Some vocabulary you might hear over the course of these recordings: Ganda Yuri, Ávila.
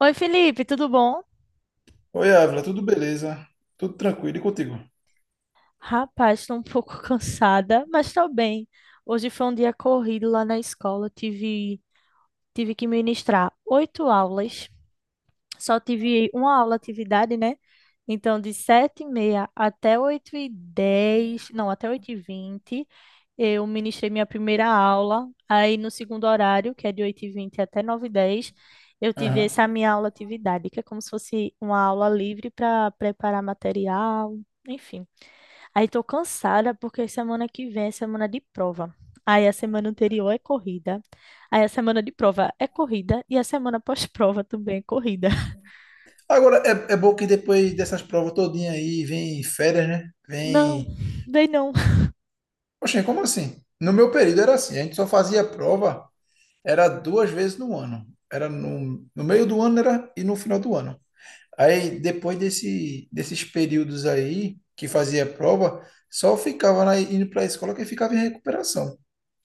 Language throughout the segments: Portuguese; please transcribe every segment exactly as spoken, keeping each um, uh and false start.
Oi, Felipe, tudo bom? Oi, Ávila, tudo beleza? Tudo tranquilo e contigo? Rapaz, estou um pouco cansada, mas estou bem. Hoje foi um dia corrido lá na escola. Tive, tive que ministrar oito aulas. Só tive uma aula atividade, né? Então, de sete e meia até oito e dez, não, até oito e vinte, eu ministrei minha primeira aula. Aí, no segundo horário, que é de oito e vinte até nove e dez, eu tive Aham. essa minha aula atividade, que é como se fosse uma aula livre para preparar material, enfim. Aí tô cansada porque semana que vem é semana de prova. Aí a semana anterior é corrida. Aí a semana de prova é corrida e a semana pós-prova também é corrida. Agora, é, é bom que depois dessas provas todinha aí, vem férias, né? Não, Vem. bem não. Poxa, como assim? No meu período era assim, a gente só fazia prova, era duas vezes no ano. Era no, no meio do ano era, e no final do ano. Aí, depois desse, desses períodos aí, que fazia prova, só ficava na, indo para a escola que ficava em recuperação.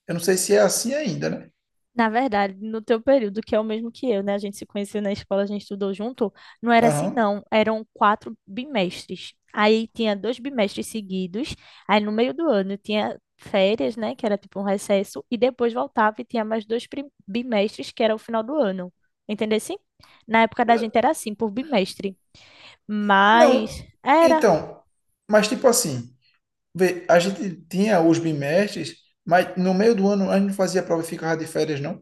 Eu não sei se é assim ainda, né? Na verdade, no teu período, que é o mesmo que eu, né? A gente se conheceu na escola, a gente estudou junto. Não era assim, Aham. não. Eram quatro bimestres. Aí tinha dois bimestres seguidos. Aí no meio do ano tinha férias, né? Que era tipo um recesso. E depois voltava e tinha mais dois prim- bimestres, que era o final do ano. Entendeu assim? Na época da gente era assim, por bimestre. Não, Mas era. então, mas tipo assim. Vê, a gente tinha os bimestres, mas no meio do ano a gente não fazia prova e ficava de férias, não?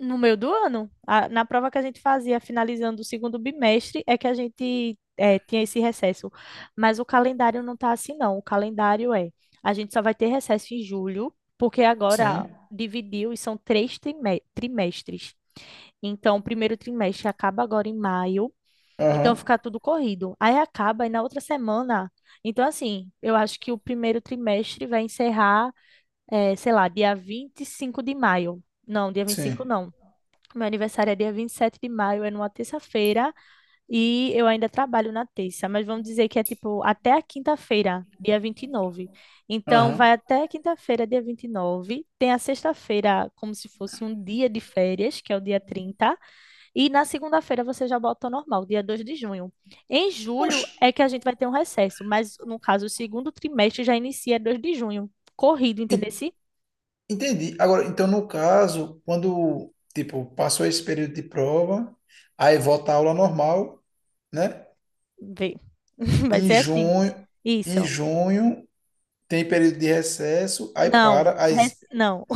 No meio do ano, a- na prova que a gente fazia, finalizando o segundo bimestre, é que a gente é, tinha esse recesso. Mas o calendário não tá assim, não. O calendário é, a gente só vai ter recesso em julho, porque agora Sim. dividiu e são três trime- trimestres. Então, o primeiro trimestre acaba agora em maio, então Aham. fica tudo corrido. Aí acaba e na outra semana. Então, assim, eu acho que o primeiro trimestre vai encerrar, é, sei lá, dia vinte e cinco de maio. Não, dia vinte e cinco Sim. não. Meu aniversário é dia vinte e sete de maio, é numa terça-feira e eu ainda trabalho na terça, mas vamos dizer que é tipo até a quinta-feira, dia vinte e nove. Então vai Aham. até a quinta-feira, dia vinte e nove. Tem a sexta-feira como se fosse um dia de férias, que é o dia trinta, e na segunda-feira você já volta ao normal, dia dois de junho. Em julho Oxe, é que a gente vai ter um recesso, mas no caso o segundo trimestre já inicia dois de junho. Corrido, entendeu? en- Se entendi. Agora, então, no caso, quando, tipo, passou esse período de prova, aí volta a aula normal, né? Vê. Vai Em ser assim. junho, em Isso. junho tem período de recesso, aí para Não, as. não.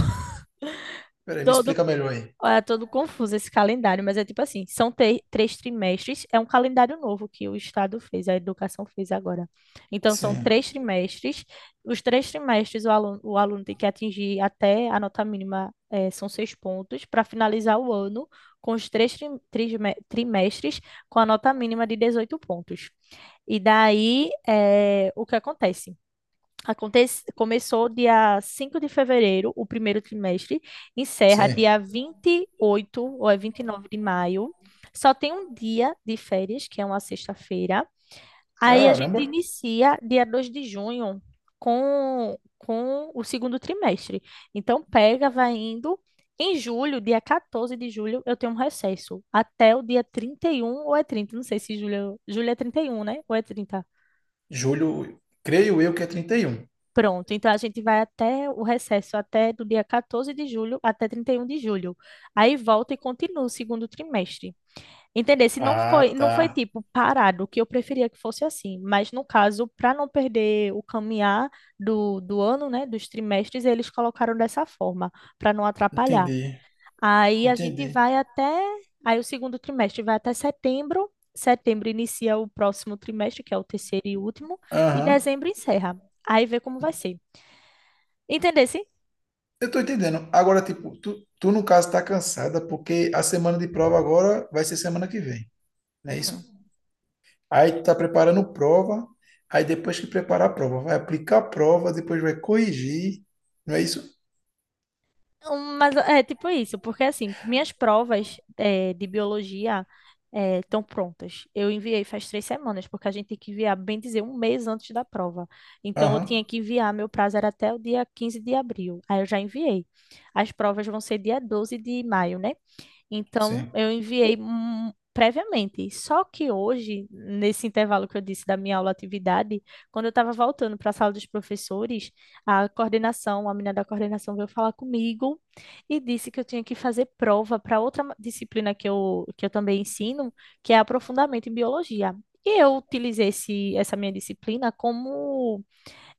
Peraí, me todo, explica melhor aí. É todo confuso esse calendário, mas é tipo assim, são te- três trimestres, é um calendário novo que o Estado fez, a educação fez agora. Então, são Sim. três trimestres, os três trimestres o aluno, o aluno tem que atingir até a nota mínima, eh, são seis pontos, para finalizar o ano com os três tri- trisme- trimestres com a nota mínima de dezoito pontos. E daí, eh, o que acontece? Acontece, começou dia cinco de fevereiro, o primeiro trimestre, encerra Sim. dia vinte e oito ou é vinte e nove de maio. Só tem um dia de férias, que é uma sexta-feira. Aí a gente Caramba. inicia dia dois de junho com, com o segundo trimestre. Então pega, vai indo. Em julho, dia quatorze de julho, eu tenho um recesso. Até o dia trinta e um ou é trinta, não sei se julho, julho é trinta e um, né? Ou é trinta. Julho, creio eu que é trinta e um. Pronto, então a gente vai até o recesso, até do dia quatorze de julho até trinta e um de julho. Aí volta e continua o segundo trimestre. Entender? Se não foi, Ah, não foi tá. tipo parado, que eu preferia que fosse assim, mas no caso, para não perder o caminhar do, do ano, né, dos trimestres, eles colocaram dessa forma, para não atrapalhar. Entendi, Aí a gente entendi. vai até, aí o segundo trimestre vai até setembro. Setembro inicia o próximo trimestre, que é o terceiro e último, e Aham. dezembro encerra. Aí vê como vai ser. Entendesse? Eu tô entendendo. Agora, tipo, tu, tu no caso tá cansada porque a semana de prova agora vai ser semana que vem, não é Hum. isso? Aí tu tá preparando prova, aí depois que preparar a prova, vai aplicar a prova, depois vai corrigir, não é isso? Um, Mas é tipo isso, porque assim, minhas provas é, de biologia estão prontas. Eu enviei faz três semanas, porque a gente tem que enviar, bem dizer, um mês antes da prova. Então eu tinha Aham, que enviar, meu prazo era até o dia quinze de abril. Aí eu já enviei. As provas vão ser dia doze de maio, né? Então, sim. eu enviei hum, previamente. Só que hoje, nesse intervalo que eu disse da minha aula atividade, quando eu estava voltando para a sala dos professores, a coordenação, a menina da coordenação veio falar comigo e disse que eu tinha que fazer prova para outra ma- disciplina que eu, que eu também ensino, que é aprofundamento em biologia. E eu utilizei esse, essa minha disciplina como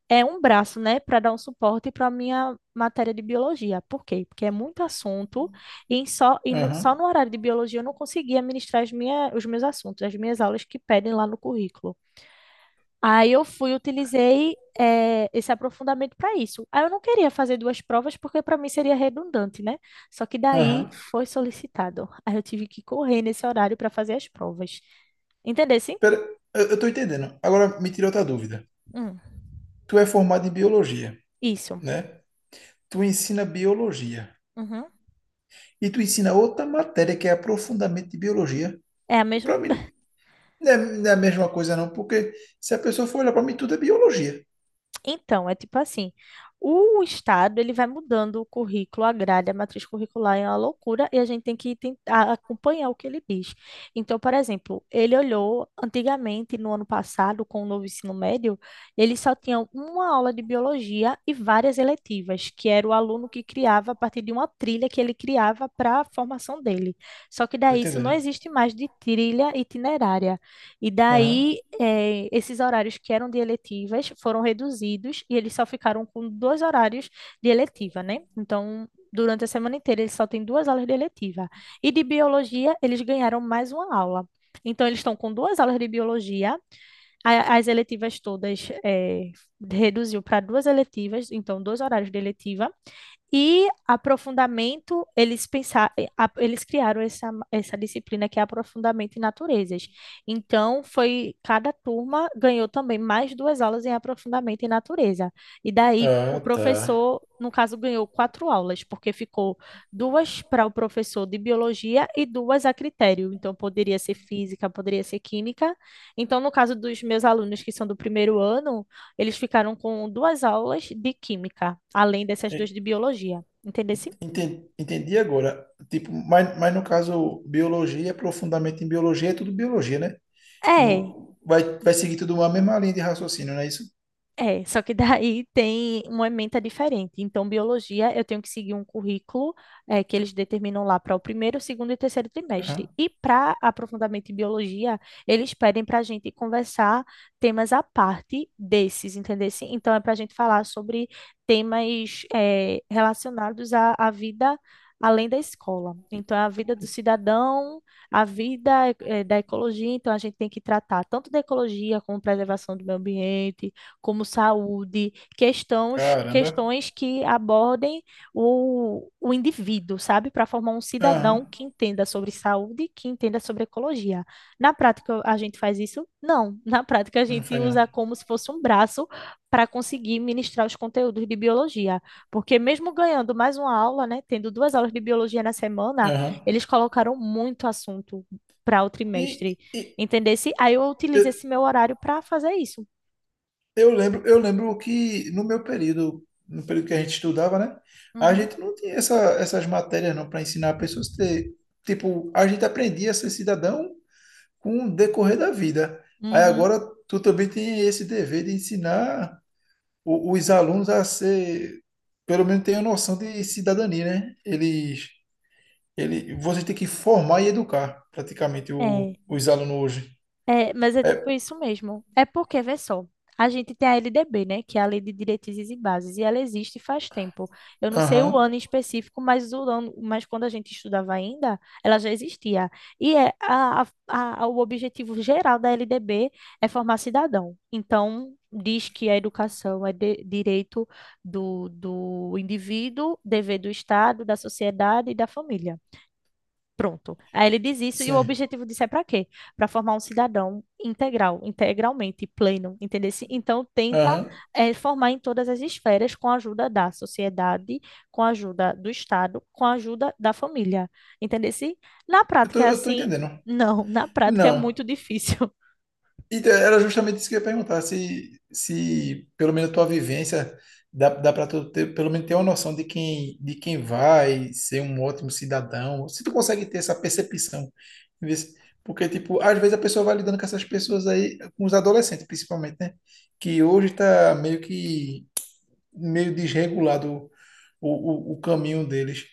é um braço, né, para dar um suporte para a minha matéria de biologia. Por quê? Porque é muito assunto e em só, e no, Aham, só no horário de biologia eu não conseguia ministrar as minha, os meus assuntos, as minhas aulas que pedem lá no currículo. Aí eu fui, utilizei eh, esse aprofundamento para isso. Aí eu não queria fazer duas provas porque para mim seria redundante, né? Só que daí aham. foi solicitado. Aí eu tive que correr nesse horário para fazer as provas. Entendeu? Sim? Pera, eu, eu tô entendendo. Agora me tira outra dúvida. Hum, Tu é formado em biologia, isso. né? Tu ensina biologia. Uhum. E tu ensina outra matéria que é aprofundamento de biologia. É a mesma? Para mim, não é, não é a mesma coisa, não, porque se a pessoa for olhar para mim, tudo é biologia. Então, é tipo assim, o estado ele vai mudando o currículo, a grade, a matriz curricular é uma loucura e a gente tem que tentar acompanhar o que ele diz. Então, por exemplo, ele olhou antigamente no ano passado com o novo ensino médio, ele só tinha uma aula de biologia e várias eletivas, que era o aluno que criava a partir de uma trilha que ele criava para a formação dele. Só que Tô daí isso não entendendo. existe mais de trilha itinerária. E Aham. daí, eh, esses horários que eram de eletivas foram reduzidos e eles só ficaram com dois horários de eletiva, né? Então, durante a semana inteira, eles só têm duas aulas de eletiva. E de biologia, eles ganharam mais uma aula. Então, eles estão com duas aulas de biologia, a- as eletivas todas eh, reduziu para duas eletivas, então, dois horários de eletiva. E aprofundamento, eles pensaram, eles criaram essa, essa disciplina que é aprofundamento em naturezas. Então, foi cada turma ganhou também mais duas aulas em aprofundamento em natureza. E daí o Ah, tá. professor, no caso, ganhou quatro aulas, porque ficou duas para o professor de biologia e duas a critério. Então, poderia ser física, poderia ser química. Então, no caso dos meus alunos que são do primeiro ano, eles ficaram com duas aulas de química, além dessas duas E- de biologia. Entendesse? enten- Entendi agora. Tipo, mas, mas no caso, biologia, aprofundamento em biologia, é tudo biologia, né? É, No, vai, vai seguir tudo uma mesma linha de raciocínio, não é isso? é, só que daí tem uma ementa diferente. Então, biologia, eu tenho que seguir um currículo eh, que eles determinam lá para o primeiro, segundo e terceiro trimestre. Aham. E para aprofundamento em biologia, eles pedem para a gente conversar temas à parte desses, entendeu? Então, é para a gente falar sobre temas eh, relacionados à, à vida além da escola. Então, é a vida do cidadão, a vida eh, da ecologia. Então, a gente tem que tratar tanto da ecologia como preservação do meio ambiente como saúde, questões, Caramba. questões que abordem o, o indivíduo, sabe? Para formar um cidadão Aham. que entenda sobre saúde, que entenda sobre ecologia. Na prática, a gente faz isso? Não. Na prática, a Não gente faz não. usa como se fosse um braço para conseguir ministrar os conteúdos de biologia. Porque mesmo ganhando mais uma aula, né, tendo duas aulas de biologia na semana, Aham. eles colocaram muito assunto para o E, trimestre, e entendesse? Aí eu eu, utilizo esse meu horário para fazer isso. Eu lembro, eu lembro que no meu período, no período que a gente estudava, né? A Uhum. gente não tinha essa, essas matérias não para ensinar pessoas a ter, tipo, a gente aprendia a ser cidadão com o decorrer da vida. Aí Uhum. agora tu também tem esse dever de ensinar o- os alunos a ser, pelo menos ter a noção de cidadania, né? Eles, ele, você tem que formar e educar praticamente o, É, os alunos hoje. é, mas é tipo É, isso mesmo. É porque, vê só, a gente tem a L D B, né, que é a Lei de Diretrizes e Bases, e ela existe faz tempo. Eu não sei o aham, ano em específico, mas o ano, mas quando a gente estudava ainda, ela já existia. E é a, a, a- o objetivo geral da L D B é formar cidadão. Então, diz que a educação é de- direito do, do indivíduo, dever do Estado, da sociedade e da família. Pronto. Aí ele diz isso e o sim, objetivo disso é para quê? Para formar um cidadão integral, integralmente pleno, entendeu? Então tenta aham. eh, formar em todas as esferas com a ajuda da sociedade, com a ajuda do Estado, com a ajuda da família, entendeu? Na Eu tô, prática é eu tô assim? entendendo. Não, na prática é Não. muito difícil. E é, era justamente isso que eu ia perguntar, se, se pelo menos a tua vivência dá, dá para tu ter, pelo menos ter uma noção de quem, de quem, vai ser um ótimo cidadão, se tu consegue ter essa percepção. Vê se- Porque, tipo, às vezes a pessoa vai lidando com essas pessoas aí, com os adolescentes principalmente, né? Que hoje tá meio que, meio desregulado o, o, o caminho deles.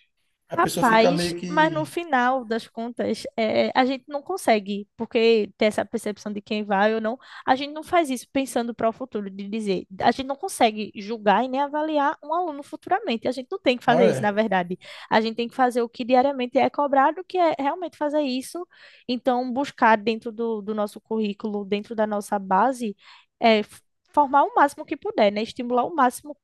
A pessoa fica Rapaz, meio mas no que. final das contas, é, a gente não consegue, porque ter essa percepção de quem vai ou não, a gente não faz isso pensando para o futuro, de dizer, a gente não consegue julgar e nem avaliar um aluno futuramente, a gente não tem que Ah, fazer isso, na é. verdade, a gente tem que fazer o que diariamente é cobrado, que é realmente fazer isso, então buscar dentro do, do nosso currículo, dentro da nossa base, é, f- formar o máximo que puder, né, estimular o máximo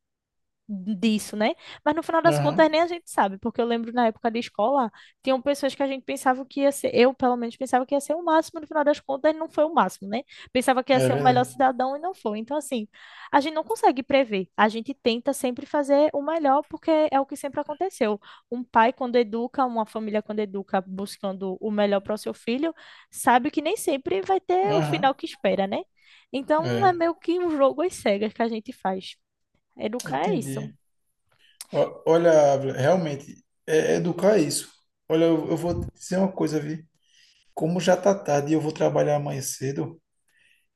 disso, né? Mas no final das Aham. contas nem a gente sabe, porque eu lembro na época de escola, tinham pessoas que a gente pensava que ia ser, eu pelo menos pensava que ia ser o máximo, no final das contas não foi o máximo, né? Pensava que ia É ser o melhor verdade. cidadão e não foi. Então, assim, a gente não consegue prever, a gente tenta sempre fazer o melhor, porque é o que sempre aconteceu. Um pai, quando educa, uma família, quando educa, buscando o melhor para o seu filho, sabe que nem sempre vai ter o Aham. final que espera, né? Então, é É, meio que um jogo às cegas que a gente faz. Educar é isso. entendi. Ó- Olha, Ávila, realmente, é, é educar é isso. Olha, eu, eu vou te dizer uma coisa, vi. Como já tá tarde e eu vou trabalhar amanhã cedo,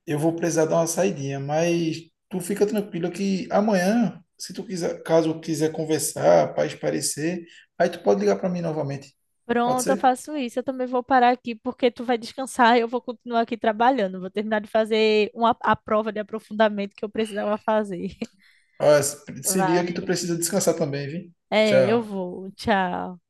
eu vou precisar dar uma saidinha, mas tu fica tranquila que amanhã, se tu quiser, caso quiser conversar, para esparecer, aí tu pode ligar para mim novamente. Pode Pronto, eu ser? faço isso. Eu também vou parar aqui porque tu vai descansar e eu vou continuar aqui trabalhando. Vou terminar de fazer uma, a prova de aprofundamento que eu precisava fazer. Ah, se se liga que tu Vai. precisa descansar também, vi. É, eu Tchau. vou. Tchau.